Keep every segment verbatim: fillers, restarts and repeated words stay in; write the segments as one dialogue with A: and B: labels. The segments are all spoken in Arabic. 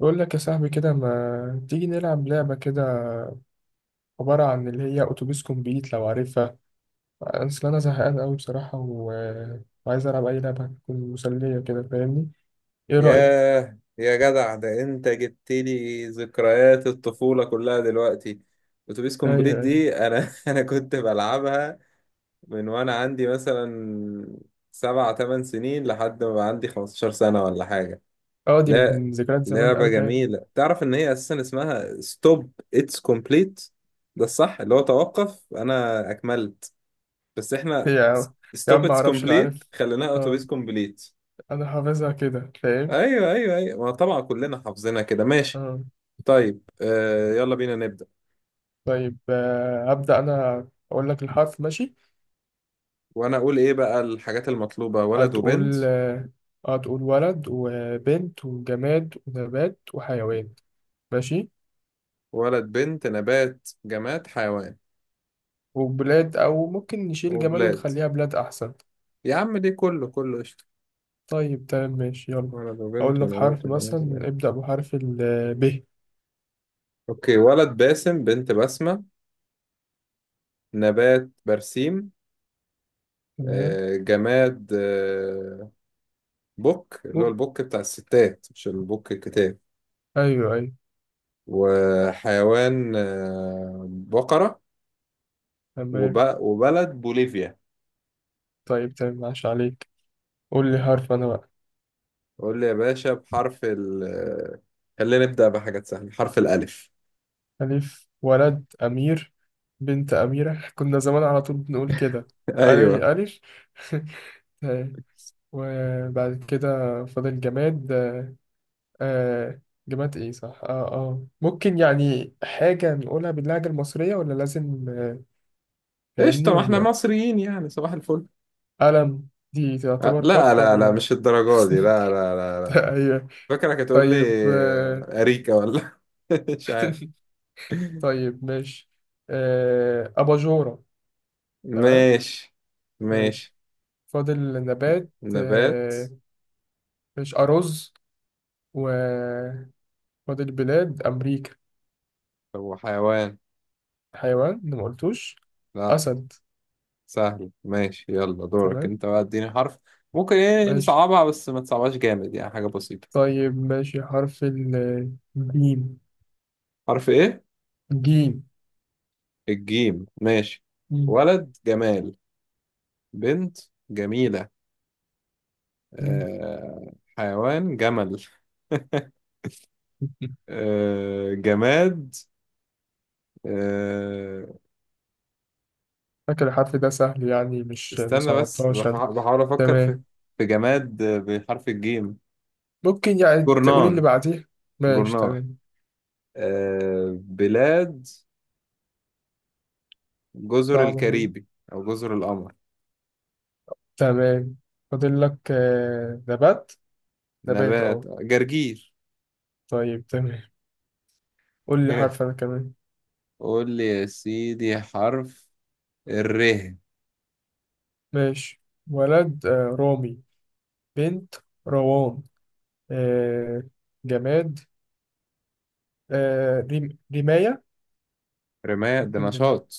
A: بقول لك يا صاحبي كده ما تيجي نلعب لعبة كده، عبارة عن اللي هي أتوبيس كومبليت لو عارفها. أصل أنا زهقان أوي بصراحة و... وعايز ألعب أي لعبة هتكون مسلية كده، فاهمني؟ إيه رأيك؟
B: ياه يا جدع، ده انت جبت لي ذكريات الطفولة كلها دلوقتي. اتوبيس
A: أيوة
B: كومبليت
A: أيوة.
B: دي انا انا كنت بلعبها من وانا عندي مثلا سبع تمن سنين لحد ما بقى عندي خمسة عشر سنة ولا حاجة.
A: أه دي
B: لا.
A: من ذكريات زمان
B: لعبة
A: أوي فعلا.
B: جميلة. تعرف ان هي اساسا اسمها ستوب اتس كومبليت، ده الصح، اللي هو توقف انا اكملت، بس احنا
A: يا عم يا
B: ستوب
A: عم،
B: اتس
A: معرفش أنا
B: كومبليت
A: عارف.
B: خليناها
A: أه
B: اتوبيس كومبليت.
A: أنا حافظها كده، فاهم؟
B: ايوه ايوه ايوه، ما طبعا كلنا حافظينها كده. ماشي.
A: أه
B: طيب، آه يلا بينا نبدأ.
A: طيب آه، هبدأ أنا أقول لك الحرف ماشي.
B: وانا اقول ايه بقى الحاجات المطلوبة؟ ولد وبنت.
A: هتقول آه، هتقول ولد وبنت وجماد ونبات وحيوان، ماشي؟
B: ولد بنت نبات جماد حيوان
A: وبلاد، أو ممكن نشيل جماد
B: وبلاد.
A: ونخليها بلاد أحسن.
B: يا عم دي كله كله قشطة.
A: طيب تمام ماشي يلا.
B: ولد
A: أقول
B: وبنت
A: لك
B: ونبات
A: حرف
B: وجماد
A: مثلا،
B: وبلاد.
A: ابدأ بحرف ال ب.
B: اوكي. ولد باسم، بنت بسمة، نبات برسيم.
A: تمام،
B: آه جماد آه بوك، اللي هو
A: ممكن.
B: البوك بتاع الستات مش البوك الكتاب.
A: أيوه أيوه.
B: وحيوان آه بقرة.
A: تمام.
B: وب... وبلد بوليفيا.
A: طيب تمام ماشي عليك. قول لي حرف أنا بقى.
B: قول لي يا باشا بحرف ال خلينا نبدأ بحاجات سهلة بحرف الألف.
A: ألف، ولد أمير، بنت أميرة كنا زمان على طول بنقول كده. ألف
B: أيوه.
A: ألف طيب، وبعد كده فاضل جماد. آه جماد ايه، صح اه اه ممكن يعني حاجة نقولها باللهجة المصرية ولا لازم؟ فاهمني
B: قشطة، ما احنا
A: ولا إيه؟
B: مصريين يعني، صباح الفل.
A: قلم دي
B: أه،
A: تعتبر
B: لا
A: قاف
B: لا لا
A: ولا؟
B: مش الدرجة دي، لا لا لا لا.
A: أيوة.
B: فاكرك هتقول لي
A: طيب آه،
B: أريكة ولا؟ مش عارف.
A: طيب ماشي آه، أباجورة. تمام
B: ماشي
A: ماشي.
B: ماشي.
A: فاضل نبات.
B: نبات
A: آه، ماشي أرز. وفاضل بلاد، أمريكا.
B: وحيوان.
A: حيوان أنا ما قلتوش،
B: لا.
A: أسد.
B: سهل ماشي، يلا دورك
A: تمام
B: انت بقى، اديني حرف. ممكن ايه
A: ماشي.
B: نصعبها، بس ما تصعبهاش جامد يعني، حاجة بسيطة.
A: طيب ماشي، حرف الجيم.
B: حرف ايه؟
A: جيم.
B: الجيم ماشي.
A: جيم.
B: ولد جمال، بنت جميلة، آه حيوان جمل. آه جماد آه
A: فاكر الحرف ده سهل يعني، مش
B: استنى بس،
A: مصعبتهاش
B: بح-
A: أنا.
B: بحاول أفكر في
A: تمام.
B: في جماد بحرف الجيم.
A: ممكن يعني تقولي اللي
B: جورنان.
A: بعديه. ماشي
B: جورنان.
A: تمام.
B: آه بلاد جزر
A: صعبة دي.
B: الكاريبي، أو جزر القمر.
A: تمام. فاضل لك آه، نبات. نبات،
B: نبات
A: اه.
B: جرجير.
A: طيب تمام. قول لي حرف انا كمان.
B: قول لي يا سيدي حرف الر.
A: ماشي. ولد آه، رامي. بنت روان. آه، جماد آه، ريم- رماية.
B: رماد ده
A: ممكن
B: نشاط.
A: رماية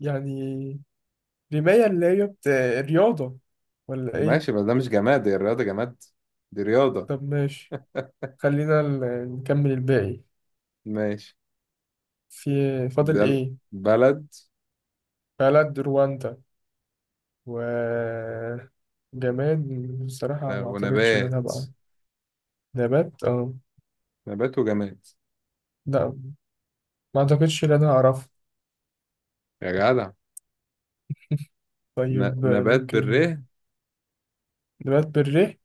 A: يعني، رماية اللي هي بت... رياضة ولا ايه؟
B: ماشي بس ده مش جماد، دي الرياضة. جماد؟ دي رياضة.
A: طب ماشي، خلينا ال- نكمل الباقي.
B: ماشي.
A: في،
B: ده
A: فاضل
B: ال-
A: ايه؟
B: بلد
A: بلد رواندا. وجماد، بصراحة ما أعتقدش إن أنا
B: ونبات.
A: هبقى. نبات أه.
B: نبات وجماد.
A: لا، ما أعتقدش إن أنا هعرف.
B: يا جدع. ن...
A: طيب آه،
B: نبات بالره.
A: ممكن، نبات بالريح.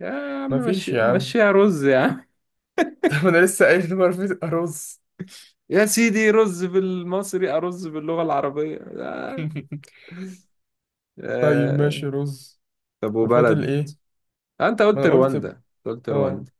B: يا عم
A: مفيش
B: مشي
A: يا عم
B: مشيها رز يا عم.
A: طب أنا لسه قايل إن مفيش رز.
B: يا سيدي، رز بالمصري، أرز باللغة العربية. آه.
A: طيب ماشي
B: آه.
A: رز.
B: طب
A: وفاضل
B: وبلد.
A: إيه؟
B: آه، أنت
A: ما
B: قلت
A: أنا قلت
B: رواندا،
A: ب-
B: أنت قلت
A: أه،
B: رواندا.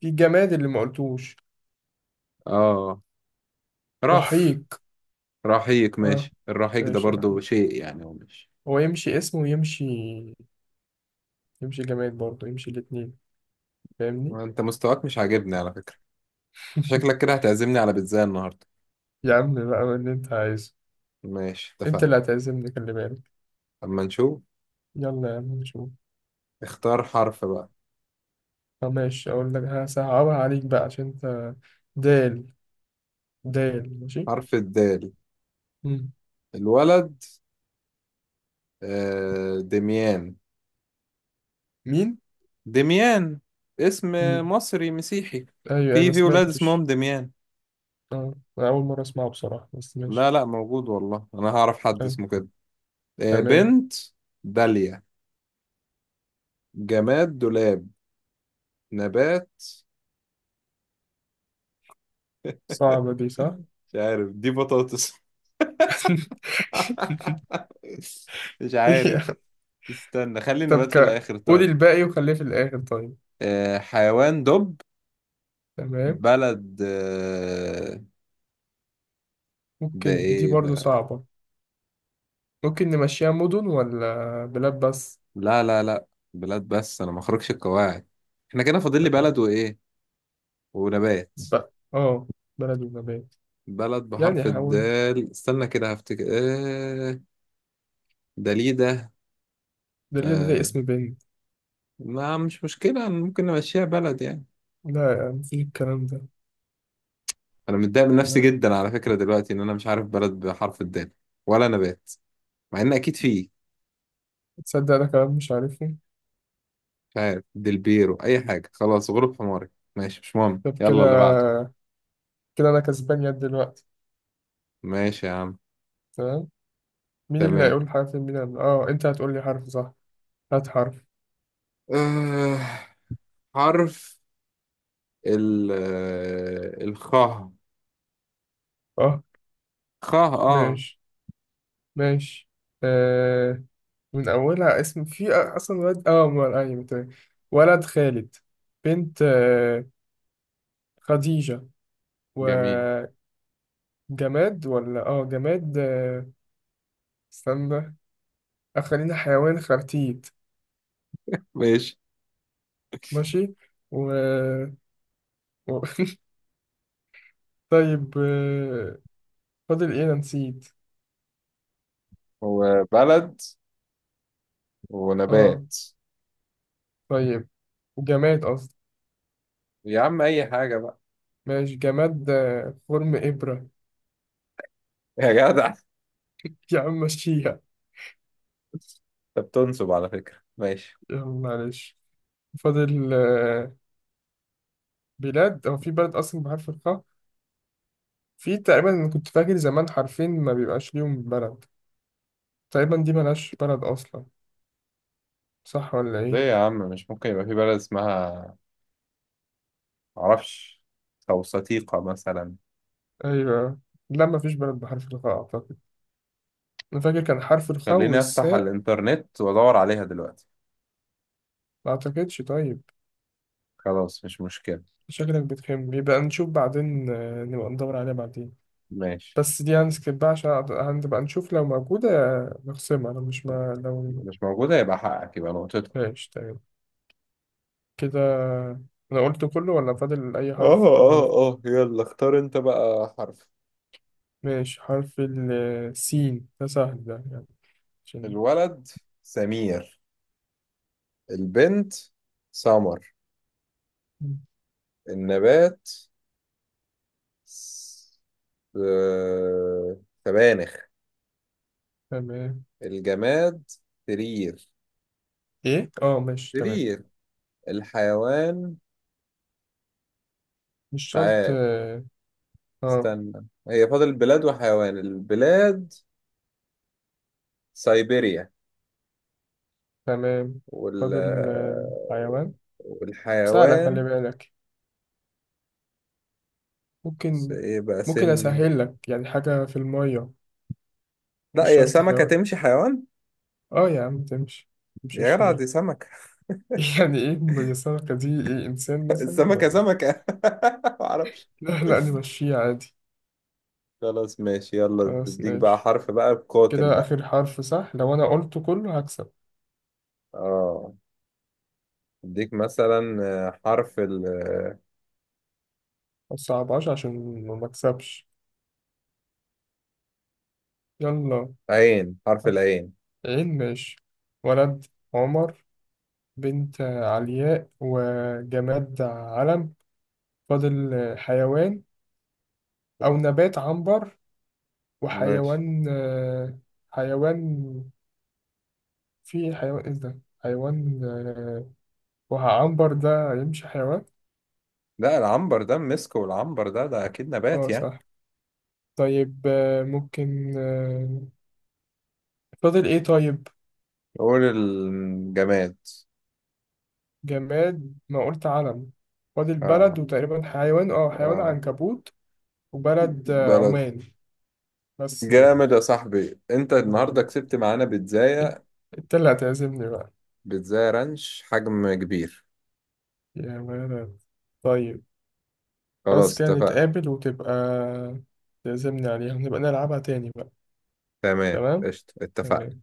A: في الجماد اللي ما قلتوش،
B: آه رف.
A: رحيق.
B: رحيق.
A: أه
B: ماشي، الرحيق ده
A: ماشي
B: برضو
A: رحيق.
B: شيء يعني هو مش.
A: هو يمشي اسمه ويمشي، يمشي جماد برضه، يمشي الاتنين، فاهمني؟
B: وأنت مستواك مش عاجبني على فكرة، شكلك كده هتعزمني على بيتزا النهاردة.
A: يا عم بقى اللي أنت عايزه.
B: ماشي
A: أنت
B: اتفقنا.
A: اللي هتعزمني، خلي بالك.
B: اما نشوف.
A: يلا يا عم نشوف.
B: اختار حرف بقى.
A: طب ماشي، أقول لك هصعبها عليك بقى عشان أنت. دال. دال ماشي.
B: حرف الدال.
A: مم.
B: الولد آه، دميان.
A: مين؟
B: دميان اسم
A: مم.
B: مصري مسيحي.
A: أيوة أيوة،
B: في
A: ما
B: في ولاد اسمهم
A: سمعتش.
B: دميان.
A: أه أنا أول مرة أسمعه بصراحة، بس
B: لا
A: ماشي.
B: لا، موجود والله، انا هعرف حد
A: أيوة
B: اسمه كده. آه،
A: تمام.
B: بنت داليا. جماد دولاب. نبات
A: صعبة دي، صح؟
B: مش عارف، دي بطاطس؟ مش عارف.
A: إيه؟
B: استنى خلي
A: طب
B: النبات في
A: ك-
B: الاخر
A: قولي
B: طيب.
A: الباقي وخليه في الآخر طيب.
B: آه، حيوان دب.
A: تمام.
B: بلد آه، ده
A: ممكن دي
B: ايه
A: برضو
B: بلد؟
A: صعبة. ممكن نمشيها مدن، ولا بلاد بس؟
B: لا لا لا، بلاد بس، انا ما اخرجش القواعد. احنا كده فاضل لي بلد وايه؟ ونبات.
A: ب... اه، بلد ونبات.
B: بلد
A: يعني
B: بحرف
A: حاول.
B: الدال، استنى كده هفتكر. آه دليدة.
A: ده ليه، ده, ده
B: آه
A: اسم بنت.
B: ما مش مشكلة، ممكن نمشيها بلد يعني.
A: لا يا عم، في الكلام ده.
B: انا متضايق من نفسي
A: لا،
B: جدا على فكرة دلوقتي، ان انا مش عارف بلد بحرف الدال، ولا نبات، مع ان اكيد فيه.
A: تصدق ده كلام مش عارفه.
B: مش عارف، دلبيرو، اي حاجة، خلاص غروب حماري. ماشي مش مهم،
A: طب
B: يلا اللي بعده.
A: كده، كده انا كسبان يد دلوقتي.
B: ماشي يا عم.
A: تمام. مين اللي
B: تمام.
A: هيقول حرف؟ مين اللي... اه، انت هتقول لي حرف، صح؟ هات حرف.
B: آه حرف ال الخاء.
A: اه،
B: خاء. اه
A: ماشي ماشي. آه، من اولها اسم في اصلا، ولد، اه م- ايوه تمام. ولد خالد. بنت آه، خديجة.
B: جميل.
A: وجماد، ولا اه جماد آه، استنى. آه، خلينا حيوان، خرتيت.
B: ماشي.
A: ماشي. و... و... طيب آه، فاضل ايه؟ انا نسيت.
B: وبلد
A: اه
B: ونبات.
A: طيب، جماد قصدي.
B: يا عم اي حاجة بقى.
A: ماشي، جماد آه، خرم إبرة.
B: يا جدع،
A: يا عم مشيها.
B: انت بتنصب على فكرة. ماشي.
A: يلا معلش. فاضل آه، بلاد. هو في بلد أصلا بحرف الخاء؟ في تقريبا، أنا كنت فاكر زمان حرفين ما بيبقاش ليهم بلد. تقريبا دي ملهاش بلد أصلا، صح ولا
B: ليه
A: إيه؟
B: يا عم، مش ممكن يبقى في بلد اسمها، معرفش، توسطيقة مثلا.
A: أيوه. لا، مفيش بلد بحرف الخاء أعتقد. أنا فاكر كان حرف الخاء
B: خليني افتح
A: والساء.
B: الانترنت وادور عليها دلوقتي.
A: ما أعتقدش، طيب.
B: خلاص مش مشكلة.
A: شكلك بتخم، يبقى نشوف بعدين آه، نبقى ندور عليها بعدين.
B: ماشي.
A: بس دي هنسكيب بقى، عشان هنبقى نشوف لو موجودة، نخصمها، لو مش ما لو.
B: مش موجودة يبقى حقك، يبقى نقطتك.
A: ماشي تمام. كده أنا قلت كله، ولا فاضل أي
B: اه
A: حرف
B: اه
A: أول؟
B: اه، يلا اختار انت بقى حرف.
A: ماشي. حرف السين ده سهل ده، يعني عشان.
B: الولد سمير، البنت سمر، النبات س- آه، سبانخ.
A: تمام.
B: الجماد سرير.
A: إيه؟ أه ماشي تمام.
B: سرير. الحيوان
A: مش
B: مش
A: شرط
B: عارف،
A: آه. آه،
B: استنى. هي فاضل بلاد وحيوان. البلاد سيبيريا.
A: تمام.
B: وال
A: فاضل آه،
B: آه،
A: حيوان. سهلة خلي
B: والحيوان
A: بالك.
B: س-
A: ممكن،
B: ايه بقى،
A: ممكن
B: سن.
A: أسهل لك، يعني حاجة في المية.
B: لا
A: مش
B: هي
A: شرط
B: سمكة
A: حيوان.
B: تمشي حيوان.
A: أه يا عم تمشي،
B: يا
A: متمشيش
B: جدع
A: ليه؟
B: دي سمكة.
A: يعني ايه ميسرة دي، ايه، انسان مثلا
B: السمكة
A: ولا؟
B: سمكة. معرفش.
A: لا لا، نمشيه عادي.
B: خلاص ماشي، يلا
A: خلاص
B: اديك بقى
A: ماشي.
B: حرف بقى، بقاتل
A: كده
B: بقى.
A: اخر حرف صح، لو انا قلته كله هكسب.
B: اه اديك مثلا آه، حرف
A: ما تصعبهاش عشان ما مكسبش. يلا.
B: العين. حرف
A: حرف،
B: العين،
A: عين ماشي. ولد عمر. بنت علياء. وجماد علم. فاضل حيوان، او نبات عنبر.
B: ماشي.
A: وحيوان آه، حيوان. في حيوان، ايه ده حيوان آه، وعنبر ده يمشي حيوان؟
B: لا العنبر ده مسك، والعنبر ده ده اكيد نبات
A: اه
B: يعني.
A: صح. طيب آه، ممكن آه، فاضل ايه طيب؟
B: قول الجماد.
A: جماد ما قلت علم. فاضل
B: اه
A: بلد، وتقريبا حيوان، اه حيوان
B: اه،
A: عنكبوت. وبلد آه،
B: بلد.
A: عمان. بس كده.
B: جامد يا صاحبي، انت النهارده
A: طيب.
B: كسبت معانا
A: انت،
B: بيتزاية.
A: إنت اللي هتعزمني بقى.
B: بيتزاية رانش حجم كبير.
A: يا ولد، طيب. بس
B: خلاص
A: كده
B: اتفقنا.
A: نتقابل، وتبقى تعزمني عليها، ونبقى نلعبها تاني بقى.
B: تمام
A: تمام.
B: قشطة اتفقنا.
A: تمام.